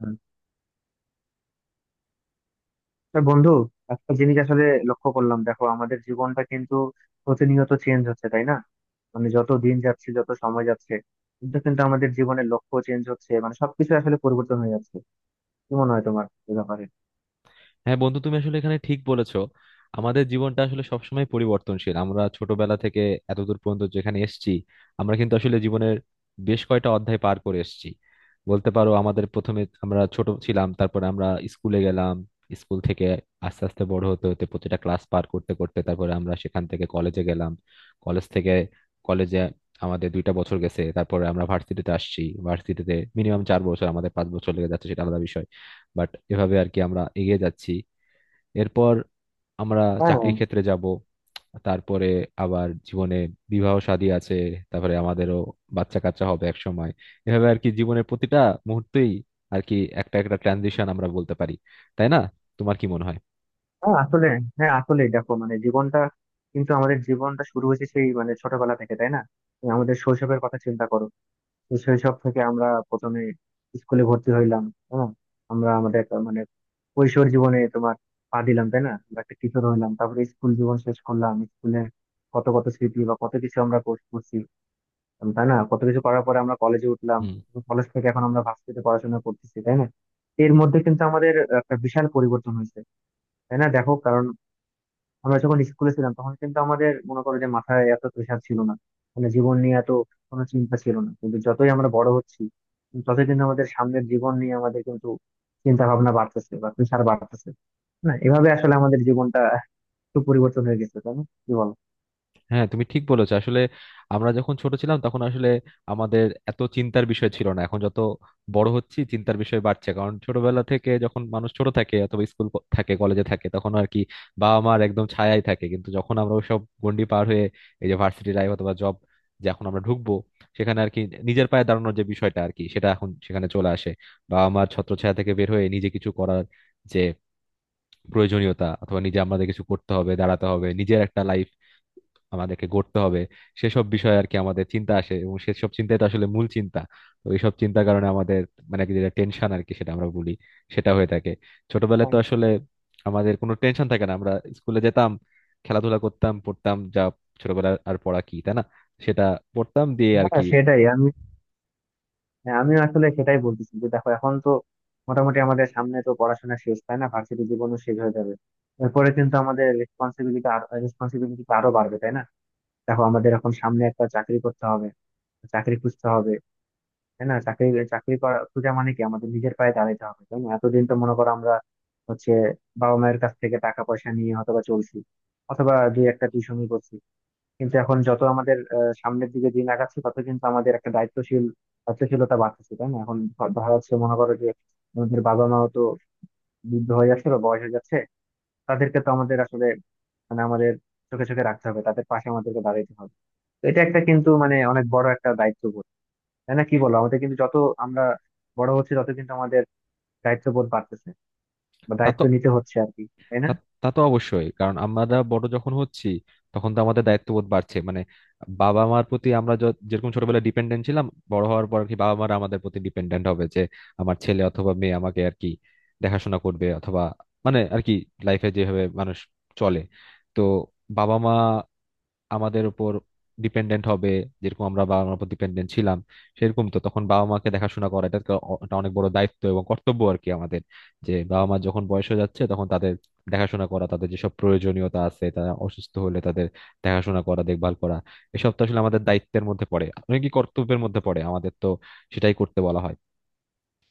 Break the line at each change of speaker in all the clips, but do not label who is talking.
হুম। তা বন্ধু, একটা জিনিস আসলে লক্ষ্য করলাম। দেখো, আমাদের জীবনটা কিন্তু প্রতিনিয়ত চেঞ্জ হচ্ছে, তাই না? মানে যত দিন যাচ্ছে, যত সময় যাচ্ছে, কিন্তু কিন্তু আমাদের জীবনের লক্ষ্য চেঞ্জ হচ্ছে, মানে সবকিছু আসলে পরিবর্তন হয়ে যাচ্ছে। কি মনে হয় তোমার এ ব্যাপারে?
হ্যাঁ বন্ধু, তুমি আসলে এখানে ঠিক বলেছো। আমাদের জীবনটা আসলে সবসময় পরিবর্তনশীল। আমরা ছোটবেলা থেকে এতদূর পর্যন্ত যেখানে এসেছি, আমরা কিন্তু আসলে জীবনের বেশ কয়টা অধ্যায় পার করে এসেছি। বলতে পারো, আমাদের প্রথমে আমরা ছোট ছিলাম, তারপরে আমরা স্কুলে গেলাম। স্কুল থেকে আস্তে আস্তে বড় হতে হতে প্রতিটা ক্লাস পার করতে করতে তারপরে আমরা সেখান থেকে কলেজে গেলাম। কলেজ থেকে কলেজে আমাদের 2টা বছর গেছে, তারপরে আমরা ভার্সিটিতে আসছি। ভার্সিটিতে মিনিমাম 4 বছর, আমাদের 5 বছর লেগে যাচ্ছে, সেটা আলাদা বিষয়। বাট এভাবে আর কি আমরা এগিয়ে যাচ্ছি। এরপর আমরা
হ্যাঁ।
চাকরি ক্ষেত্রে যাব, তারপরে আবার জীবনে বিবাহ শাদী আছে, তারপরে আমাদেরও বাচ্চা কাচ্চা হবে এক সময়। এভাবে আর কি জীবনের প্রতিটা মুহূর্তেই আর কি একটা একটা ট্রানজিশন আমরা বলতে পারি। তাই না? তোমার কি মনে হয়?
হ্যাঁ আসলে হ্যাঁ আসলে দেখো, মানে জীবনটা কিন্তু, আমাদের জীবনটা শুরু হয়েছে সেই মানে ছোটবেলা থেকে, তাই না? আমাদের শৈশবের কথা চিন্তা করো। তো শৈশব থেকে আমরা প্রথমে স্কুলে ভর্তি হইলাম। হ্যাঁ, আমাদের একটা মানে কৈশোর জীবনে তোমার পা দিলাম, তাই না? আমরা একটা কিশোর হইলাম, তারপরে স্কুল জীবন শেষ করলাম। স্কুলে কত কত স্মৃতি বা কত কিছু আমরা করছি, তাই না? কত কিছু করার পরে আমরা কলেজে উঠলাম।
হুম।
কলেজ থেকে এখন আমরা ভার্সিটিতে পড়াশোনা করতেছি, তাই না? এর মধ্যে কিন্তু আমাদের একটা বিশাল পরিবর্তন হয়েছে, তাই না? দেখো, কারণ আমরা যখন স্কুলে ছিলাম তখন কিন্তু আমাদের, মনে করো যে, মাথায় এত প্রেশার ছিল না। মানে জীবন নিয়ে এত কোনো চিন্তা ছিল না, কিন্তু যতই আমরা বড় হচ্ছি ততই কিন্তু আমাদের সামনের জীবন নিয়ে আমাদের কিন্তু চিন্তা ভাবনা বাড়তেছে বা প্রেশার বাড়তেছে। না, এভাবে আসলে আমাদের জীবনটা একটু পরিবর্তন হয়ে গেছে, তাই না? কি বলো?
হ্যাঁ, তুমি ঠিক বলেছো। আসলে আমরা যখন ছোট ছিলাম তখন আসলে আমাদের এত চিন্তার বিষয় ছিল না, এখন যত বড় হচ্ছি চিন্তার বিষয় বাড়ছে। কারণ ছোটবেলা থেকে যখন মানুষ ছোট থাকে অথবা স্কুল থাকে, কলেজে থাকে, তখন আর কি বাবা মার একদম ছায়াই থাকে। কিন্তু যখন আমরা সব গন্ডি পার হয়ে এই যে ভার্সিটি লাইফ অথবা জব, যে এখন আমরা ঢুকবো, সেখানে আর কি নিজের পায়ে দাঁড়ানোর যে বিষয়টা আর কি সেটা এখন সেখানে চলে আসে। বাবা মার ছত্রছায়া থেকে বের হয়ে নিজে কিছু করার যে প্রয়োজনীয়তা, অথবা নিজে আমাদের কিছু করতে হবে, দাঁড়াতে হবে, নিজের একটা লাইফ আমাদেরকে গড়তে হবে, সেসব বিষয়ে আর কি আমাদের চিন্তা আসে, এবং সেসব চিন্তাই তো আসলে মূল চিন্তা। তো এইসব চিন্তার কারণে আমাদের মানে কি যেটা টেনশন আর কি সেটা আমরা বলি, সেটা হয়ে থাকে। ছোটবেলায় তো আসলে আমাদের কোনো টেনশন থাকে না। আমরা স্কুলে যেতাম, খেলাধুলা করতাম, পড়তাম, যা ছোটবেলায় আর পড়া কি, তাই না? সেটা পড়তাম দিয়ে আর
হ্যাঁ
কি।
সেটাই আমি, হ্যাঁ, আমিও আসলে সেটাই বলতেছি যে, দেখো এখন তো মোটামুটি আমাদের সামনে তো পড়াশোনা শেষ, তাই না? ভার্সিটি জীবনও শেষ হয়ে যাবে। এরপরে কিন্তু আমাদের রেসপন্সিবিলিটি রেসপন্সিবিলিটি আরো responsibility টা আরো বাড়বে, তাই না? দেখো, আমাদের এখন সামনে একটা চাকরি করতে হবে, চাকরি খুঁজতে হবে, তাই না? চাকরি, খোঁজা মানে কি আমাদের নিজের পায়ে দাঁড়াতে হবে, তাই না? এতদিন তো মনে করো আমরা হচ্ছে বাবা মায়ের কাছ থেকে টাকা পয়সা নিয়ে অথবা চলছি, অথবা দুই একটা টিউশনই করছি। কিন্তু এখন যত আমাদের সামনের দিকে দিন আগাচ্ছে, তত কিন্তু আমাদের একটা দায়িত্বশীল, দায়িত্বশীলতা বাড়তেছে, তাই না? এখন ধরা যাচ্ছে, মনে করো যে, আমাদের বাবা মাও তো বৃদ্ধ হয়ে যাচ্ছে বা বয়স হয়ে যাচ্ছে। তাদেরকে তো আমাদের আসলে, মানে আমাদের চোখে চোখে রাখতে হবে, তাদের পাশে আমাদেরকে দাঁড়াতে হবে। তো এটা একটা কিন্তু মানে অনেক বড় একটা দায়িত্ববোধ, তাই না? কি বলো? আমাদের কিন্তু যত আমরা বড় হচ্ছে তত কিন্তু আমাদের দায়িত্ববোধ বাড়তেছে বা দায়িত্ব নিতে হচ্ছে আর কি, তাই না?
তা তা তো অবশ্যই, কারণ আমরা বড় যখন হচ্ছি তখন তো আমাদের দায়িত্ববোধ বাড়ছে। মানে বাবা মার প্রতি আমরা যেরকম ছোটবেলায় ডিপেন্ডেন্ট ছিলাম, বড় হওয়ার পর আর কি বাবা মারা আমাদের প্রতি ডিপেন্ডেন্ট হবে যে, আমার ছেলে অথবা মেয়ে আমাকে আর কি দেখাশোনা করবে। অথবা মানে আর কি লাইফে যেভাবে মানুষ চলে, তো বাবা মা আমাদের উপর ডিপেন্ডেন্ট হবে যেরকম আমরা বাবা মার উপর ডিপেন্ডেন্ট ছিলাম। সেরকম তো তখন বাবা মাকে দেখাশোনা করা এটা তো একটা অনেক বড় দায়িত্ব এবং কর্তব্য আর কি আমাদের। যে বাবা মা যখন বয়স হয়ে যাচ্ছে তখন তাদের দেখাশোনা করা, তাদের যেসব প্রয়োজনীয়তা আছে, তারা অসুস্থ হলে তাদের দেখাশোনা করা, দেখভাল করা, এসব তো আসলে আমাদের দায়িত্বের মধ্যে পড়ে, অনেক কি কর্তব্যের মধ্যে পড়ে আমাদের, তো সেটাই করতে বলা হয়।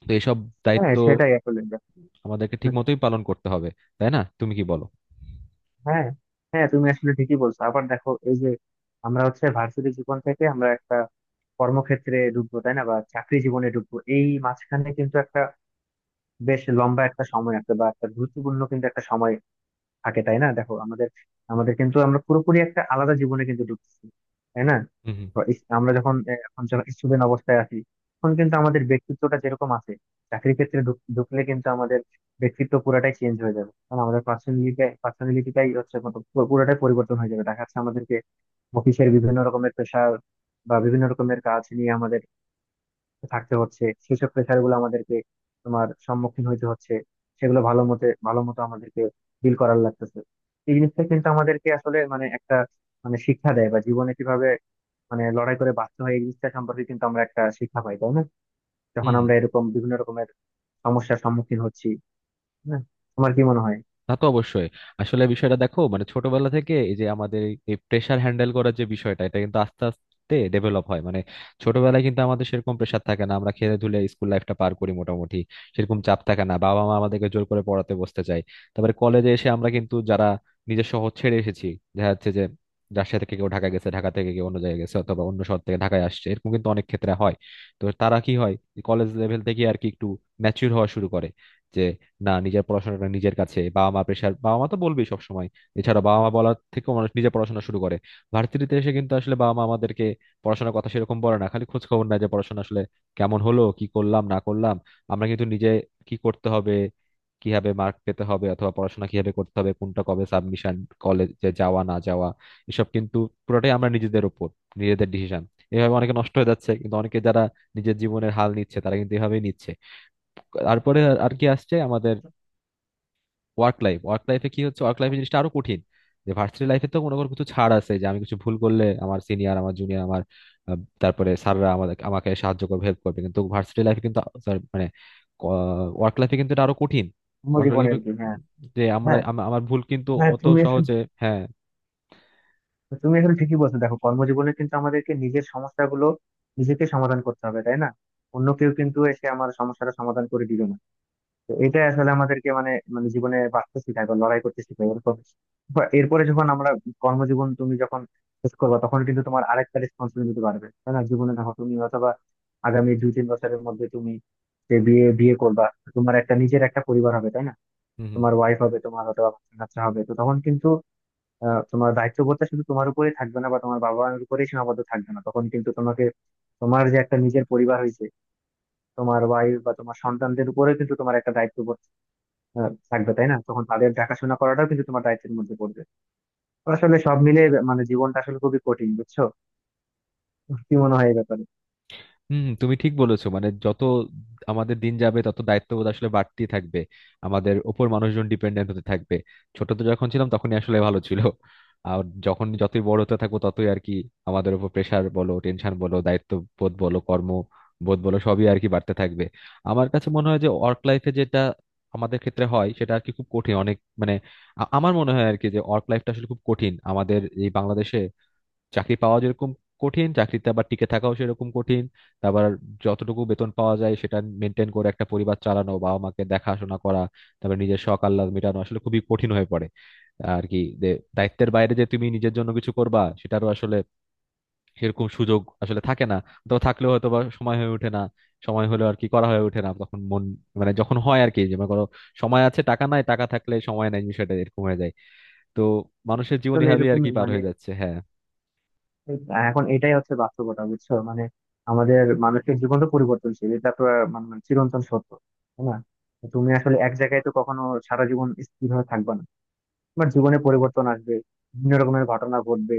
তো এসব দায়িত্ব
হ্যাঁ সেটাই আসলে ব্যাপার।
আমাদেরকে ঠিক মতোই পালন করতে হবে। তাই না? তুমি কি বলো?
হ্যাঁ, হ্যাঁ তুমি আসলে ঠিকই বলছো। আবার দেখো, এই যে আমরা হচ্ছে ভার্সিটি জীবন থেকে আমরা একটা কর্মক্ষেত্রে ঢুকবো, তাই না? বা চাকরি জীবনে ঢুকবো, এই মাঝখানে কিন্তু একটা বেশ লম্বা একটা সময় আছে বা একটা গুরুত্বপূর্ণ কিন্তু একটা সময় থাকে, তাই না? দেখো, আমাদের আমাদের কিন্তু আমরা পুরোপুরি একটা আলাদা জীবনে কিন্তু ঢুকছি, তাই না?
হুম। হুম।
তো আমরা যখন এখন যখন স্টুডেন্ট অবস্থায় আছি তখন কিন্তু আমাদের ব্যক্তিত্বটা যেরকম আছে, চাকরির ক্ষেত্রে ঢুকলে কিন্তু আমাদের ব্যক্তিত্ব পুরাটাই চেঞ্জ হয়ে যাবে। কারণ আমাদের পার্সোনালিটিটাই হচ্ছে পুরোটাই পরিবর্তন হয়ে যাবে। দেখা যাচ্ছে আমাদেরকে অফিসের বিভিন্ন রকমের প্রেশার বা বিভিন্ন রকমের কাজ নিয়ে আমাদের থাকতে হচ্ছে, সেসব প্রেশার গুলো আমাদেরকে, তোমার সম্মুখীন হইতে হচ্ছে, সেগুলো ভালো মতো আমাদেরকে ডিল করার লাগতেছে। এই জিনিসটা কিন্তু আমাদেরকে আসলে মানে একটা, মানে শিক্ষা দেয় বা জীবনে কিভাবে মানে লড়াই করে বাঁচতে হয় এই জিনিসটা সম্পর্কে কিন্তু আমরা একটা শিক্ষা পাই, তাই না?
হুম।
যখন
হুম।
আমরা এরকম বিভিন্ন রকমের সমস্যার সম্মুখীন হচ্ছি। হ্যাঁ, তোমার কি মনে হয়
তা তো অবশ্যই। আসলে বিষয়টা দেখো, মানে ছোটবেলা থেকে এই যে আমাদের এই প্রেসার হ্যান্ডেল করার যে বিষয়টা, এটা কিন্তু আস্তে আস্তে ডেভেলপ হয়। মানে ছোটবেলায় কিন্তু আমাদের সেরকম প্রেসার থাকে না, আমরা খেলে ধুলে স্কুল লাইফটা পার করি মোটামুটি, সেরকম চাপ থাকে না, বাবা মা আমাদেরকে জোর করে পড়াতে বসতে চায়। তারপরে কলেজে এসে আমরা কিন্তু যারা নিজের শহর ছেড়ে এসেছি, দেখা যাচ্ছে যে রাজশাহী থেকে কেউ ঢাকা গেছে, ঢাকা থেকে কেউ অন্য জায়গায় গেছে, অথবা অন্য শহর থেকে ঢাকায় আসছে, এরকম কিন্তু অনেক ক্ষেত্রে হয়। তো তারা কি হয়, কলেজ লেভেল থেকে আর কি একটু ম্যাচিউর হওয়া শুরু করে যে, না, নিজের পড়াশোনাটা নিজের কাছে, বাবা মা প্রেশার, বাবা মা তো বলবেই সবসময়। এছাড়া বাবা মা বলার থেকেও মানুষ নিজে পড়াশোনা শুরু করে। ভার্সিটিতে এসে কিন্তু আসলে বাবা মা আমাদেরকে পড়াশোনার কথা সেরকম বলে না, খালি খোঁজ খবর নেয় যে পড়াশোনা আসলে কেমন হলো, কি করলাম, না করলাম। আমরা কিন্তু নিজে কি করতে হবে, কিভাবে মার্ক পেতে হবে, অথবা পড়াশোনা কিভাবে করতে হবে, কোনটা কবে সাবমিশন, কলেজে যাওয়া না যাওয়া, এসব কিন্তু পুরোটাই আমরা নিজেদের উপর, নিজেদের ডিসিশন। এভাবে অনেকে নষ্ট হয়ে যাচ্ছে, কিন্তু অনেকে যারা নিজের জীবনের হাল নিচ্ছে তারা কিন্তু এভাবেই নিচ্ছে। তারপরে আর আর কি আসছে আমাদের ওয়ার্ক লাইফ। ওয়ার্ক লাইফে কি হচ্ছে, ওয়ার্ক লাইফে জিনিসটা আরো কঠিন। যে ভার্সিটি লাইফে তো মনে করো কিছু ছাড় আছে, যে আমি কিছু ভুল করলে আমার সিনিয়র, আমার জুনিয়র, আমার তারপরে স্যাররা আমাদের, আমাকে সাহায্য করবে, হেল্প করবে। কিন্তু ভার্সিটি লাইফে কিন্তু sorry, মানে ওয়ার্ক লাইফে কিন্তু এটা আরো কঠিন।
তোমার
ওয়ার্ক
জীবনে
লাইফে
আর কি? হ্যাঁ।
যে আমরা
হ্যাঁ
আমার ভুল কিন্তু
হ্যাঁ
অত সহজে। হ্যাঁ।
তুমি আসলে ঠিকই বলছো। দেখো, কর্মজীবনে কিন্তু আমাদেরকে নিজের সমস্যাগুলো নিজেকে সমাধান করতে হবে, তাই না? অন্য কেউ কিন্তু এসে আমার সমস্যাটা সমাধান করে দিবে না। তো এটা আসলে আমাদেরকে মানে মানে জীবনে বাঁচতে শেখায় বা লড়াই করতে শেখায়। এরপর বা এরপরে যখন আমরা কর্মজীবন, তুমি যখন শেষ করবা তখন কিন্তু তোমার আরেকটা রেসপন্সিবিলিটি বাড়বে, তাই না? জীবনে, দেখো, তুমি অথবা আগামী দুই তিন বছরের মধ্যে তুমি যে বিয়ে বিয়ে করবা, তোমার একটা নিজের একটা পরিবার হবে, তাই না?
হুম। হুম।
তোমার ওয়াইফ হবে তোমার, অথবা বাচ্চা কাচ্চা হবে। তো তখন কিন্তু তোমার দায়িত্ববোধটা শুধু তোমার উপরেই থাকবে না বা তোমার বাবা মায়ের উপরেই সীমাবদ্ধ থাকবে না। তখন কিন্তু তোমাকে, তোমার যে একটা নিজের পরিবার হয়েছে, তোমার ওয়াইফ বা তোমার সন্তানদের উপরেও কিন্তু তোমার একটা দায়িত্ববোধ থাকবে, তাই না? তখন তাদের দেখাশোনা করাটাও কিন্তু তোমার দায়িত্বের মধ্যে পড়বে। তো আসলে সব মিলে মানে জীবনটা আসলে খুবই কঠিন, বুঝছো? কি মনে হয় এই ব্যাপারে?
হুম। তুমি ঠিক বলেছো মানে যত আমাদের দিন যাবে তত দায়িত্ববোধ আসলে বাড়তেই থাকবে, আমাদের ওপর মানুষজন ডিপেন্ডেন্ট হতে থাকবে। ছোট তো যখন ছিলাম তখনই আসলে ভালো ছিল, আর যখন যতই বড় হতে থাকবো ততই আর কি আমাদের উপর প্রেসার বলো, টেনশন বলো, দায়িত্ববোধ বলো, কর্ম বোধ বলো, সবই আর কি বাড়তে থাকবে। আমার কাছে মনে হয় যে ওয়ার্ক লাইফে যেটা আমাদের ক্ষেত্রে হয় সেটা আর কি খুব কঠিন, অনেক মানে আমার মনে হয় আর কি যে ওয়ার্ক লাইফটা আসলে খুব কঠিন আমাদের এই বাংলাদেশে। চাকরি পাওয়া যেরকম কঠিন, চাকরিতে আবার টিকে থাকাও সেরকম কঠিন। তারপর যতটুকু বেতন পাওয়া যায় সেটা মেনটেন করে একটা পরিবার চালানো, বাবা মাকে দেখাশোনা করা, তারপর নিজের শখ আহ্লাদ মেটানো আসলে খুবই কঠিন হয়ে পড়ে। আর কি যে দায়িত্বের বাইরে যে তুমি নিজের জন্য কিছু করবা সেটারও আসলে সেরকম সুযোগ আসলে থাকে না, অথবা থাকলেও হয়তো বা সময় হয়ে ওঠে না, সময় হলেও আর কি করা হয়ে ওঠে না। তখন মন, মানে যখন হয় আর কি, যে মনে করো সময় আছে টাকা নাই, টাকা থাকলে সময় নাই, বিষয়টা এরকম হয়ে যায়। তো মানুষের জীবন
আসলে
এভাবেই আর কি
এরকমই
পার
মানে
হয়ে যাচ্ছে। হ্যাঁ।
এখন এটাই হচ্ছে বাস্তবতা, বুঝছো? মানে আমাদের মানুষের জীবন তো পরিবর্তনশীল, এটা তো মানে চিরন্তন সত্য, তাই না? তুমি আসলে এক জায়গায় তো কখনো সারা জীবন স্থির হয়ে থাকবে না। তোমার জীবনে পরিবর্তন আসবে, বিভিন্ন রকমের ঘটনা ঘটবে,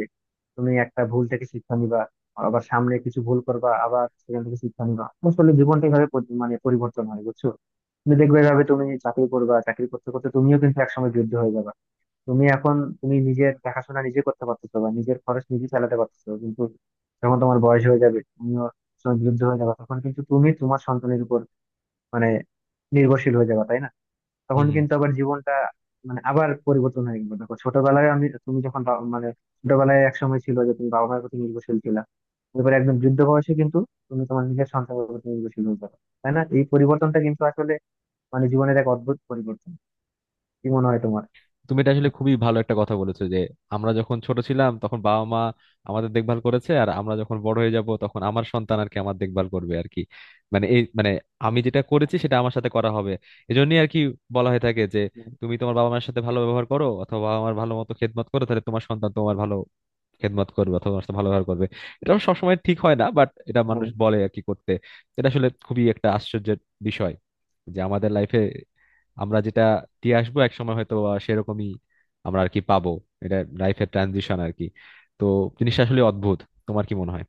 তুমি একটা ভুল থেকে শিক্ষা নিবা, আবার সামনে কিছু ভুল করবা, আবার সেখান থেকে শিক্ষা নিবা। আসলে জীবনটা এইভাবে মানে পরিবর্তন হয়, বুঝছো? তুমি দেখবে এভাবে তুমি চাকরি করবা, চাকরি করতে করতে তুমিও কিন্তু একসময় যুদ্ধ হয়ে যাবে। তুমি এখন, তুমি নিজের দেখাশোনা নিজে করতে পারতেছো বা নিজের খরচ নিজে চালাতে পারতেছো, কিন্তু যখন তোমার বয়স হয়ে যাবে, তুমিও যখন যুদ্ধ হয়ে যাবে, তখন কিন্তু তুমি তোমার সন্তানের উপর মানে নির্ভরশীল হয়ে যাবে, তাই না?
হুম।
তখন
হুম।
কিন্তু আবার জীবনটা মানে আবার পরিবর্তন হয়ে গেল। দেখো, ছোটবেলায় আমি তুমি যখন মানে ছোটবেলায় এক সময় ছিল যে তুমি বাবা মায়ের প্রতি নির্ভরশীল ছিলা, এবারে একদম যুদ্ধ বয়সে কিন্তু তুমি তোমার নিজের সন্তানের প্রতি নির্ভরশীল হয়ে যাবে, তাই না? এই পরিবর্তনটা কিন্তু আসলে মানে জীবনের এক অদ্ভুত পরিবর্তন। কি মনে হয় তোমার?
তুমি এটা আসলে খুবই ভালো একটা কথা বলেছো, যে আমরা যখন ছোট ছিলাম তখন বাবা মা আমাদের দেখভাল করেছে, আর আমরা যখন বড় হয়ে যাব তখন আমার সন্তান আর কি আমার দেখভাল করবে আর কি। মানে এই মানে আমি যেটা করেছি সেটা আমার সাথে করা হবে। এজন্যই আর কি বলা হয়ে থাকে যে, তুমি তোমার বাবা মায়ের সাথে ভালো ব্যবহার করো অথবা বাবা মার ভালো মতো খেদমত করো, তাহলে তোমার সন্তান তোমার ভালো খেদমত করবে অথবা তোমার সাথে ভালো ব্যবহার করবে। এটা অবশ্য সবসময় ঠিক হয় না, বাট এটা মানুষ
হ্যাঁ।
বলে আর কি করতে। এটা আসলে খুবই একটা আশ্চর্যের বিষয়, যে আমাদের লাইফে আমরা যেটা দিয়ে আসবো এক সময় হয়তো বা সেরকমই আমরা আর কি পাবো। এটা লাইফের ট্রানজিশন আর কি। তো জিনিসটা আসলে অদ্ভুত। তোমার কি মনে হয়?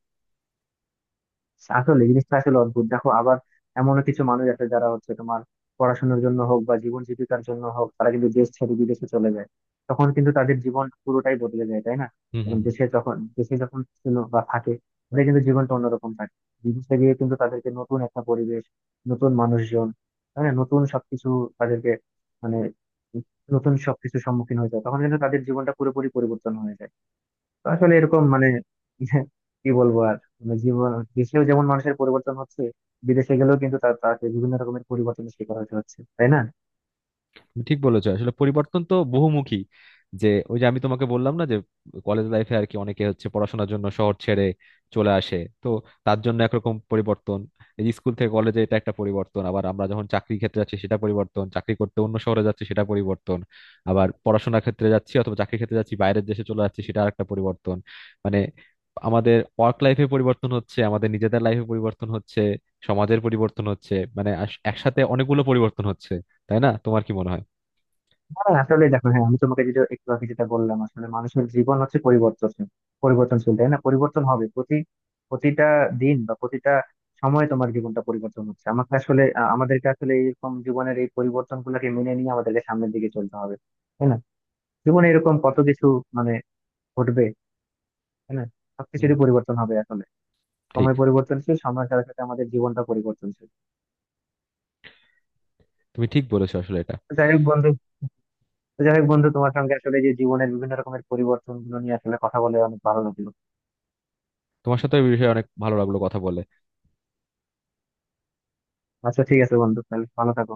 আসলে জিনিসটা আসলে অদ্ভুত। দেখো, আবার এমনও কিছু মানুষ আছে যারা হচ্ছে তোমার পড়াশোনার জন্য হোক বা জীবন জীবিকার জন্য হোক, তারা কিন্তু দেশ ছেড়ে বিদেশে চলে যায়। তখন কিন্তু তাদের জীবন পুরোটাই বদলে যায়, তাই না?
হুম। হুম।
এবং
হুম।
দেশে যখন ছিল বা থাকে, ওদের কিন্তু জীবনটা অন্যরকম থাকে। বিদেশে গিয়ে কিন্তু তাদেরকে নতুন একটা পরিবেশ, নতুন মানুষজন, তাই না, নতুন সবকিছু তাদেরকে মানে নতুন সবকিছুর সম্মুখীন হয়ে যায়। তখন কিন্তু তাদের জীবনটা পুরোপুরি পরিবর্তন হয়ে যায়। তো আসলে এরকম মানে কি বলবো আর, মানে জীবন দেশেও যেমন মানুষের পরিবর্তন হচ্ছে, বিদেশে গেলেও কিন্তু তাকে বিভিন্ন রকমের পরিবর্তনের শিকার হতে হচ্ছে, তাই না?
তুমি ঠিক বলেছো, আসলে পরিবর্তন তো বহুমুখী। যে ওই যে আমি তোমাকে বললাম না, যে কলেজ লাইফে আর কি অনেকে হচ্ছে পড়াশোনার জন্য শহর ছেড়ে চলে আসে, তো তার জন্য একরকম পরিবর্তন। এই যে স্কুল থেকে কলেজে, এটা একটা পরিবর্তন। আবার আমরা যখন চাকরি ক্ষেত্রে যাচ্ছি সেটা পরিবর্তন, চাকরি করতে অন্য শহরে যাচ্ছি সেটা পরিবর্তন। আবার পড়াশোনার ক্ষেত্রে যাচ্ছি অথবা চাকরি ক্ষেত্রে যাচ্ছি বাইরের দেশে চলে যাচ্ছি, সেটা আরেকটা পরিবর্তন। মানে আমাদের ওয়ার্ক লাইফে পরিবর্তন হচ্ছে, আমাদের নিজেদের লাইফে পরিবর্তন হচ্ছে, সমাজের পরিবর্তন হচ্ছে, মানে একসাথে অনেকগুলো পরিবর্তন হচ্ছে। তাই না? তোমার কি মনে হয়?
হ্যাঁ আসলে দেখো, হ্যাঁ আমি তোমাকে একটু আগে যেটা বললাম, আসলে মানুষের জীবন হচ্ছে পরিবর্তনশীল, পরিবর্তনশীল, তাই না? পরিবর্তন হবে প্রতিটা দিন বা প্রতিটা সময়ে তোমার জীবনটা পরিবর্তন হচ্ছে। আমাকে আসলে আমাদেরকে আসলে এরকম জীবনের এই পরিবর্তন গুলাকে মেনে নিয়ে আমাদেরকে সামনের দিকে চলতে হবে, তাই না? জীবনে এরকম কত কিছু মানে ঘটবে, তাই না?
হুম,
সবকিছুরই পরিবর্তন হবে আসলে।
ঠিক।
সময় পরিবর্তনশীল, সময়ের সাথে সাথে আমাদের জীবনটা পরিবর্তনশীল।
তুমি ঠিক বলেছো আসলে এটা।
তো যাই হোক বন্ধু, তোমার সঙ্গে আসলে যে জীবনের বিভিন্ন রকমের পরিবর্তন গুলো নিয়ে আসলে কথা বলে অনেক ভালো লাগলো।
তোমার সাথে এই বিষয়ে অনেক ভালো লাগলো কথা বলে।
আচ্ছা ঠিক আছে বন্ধু, তাহলে ভালো থাকো।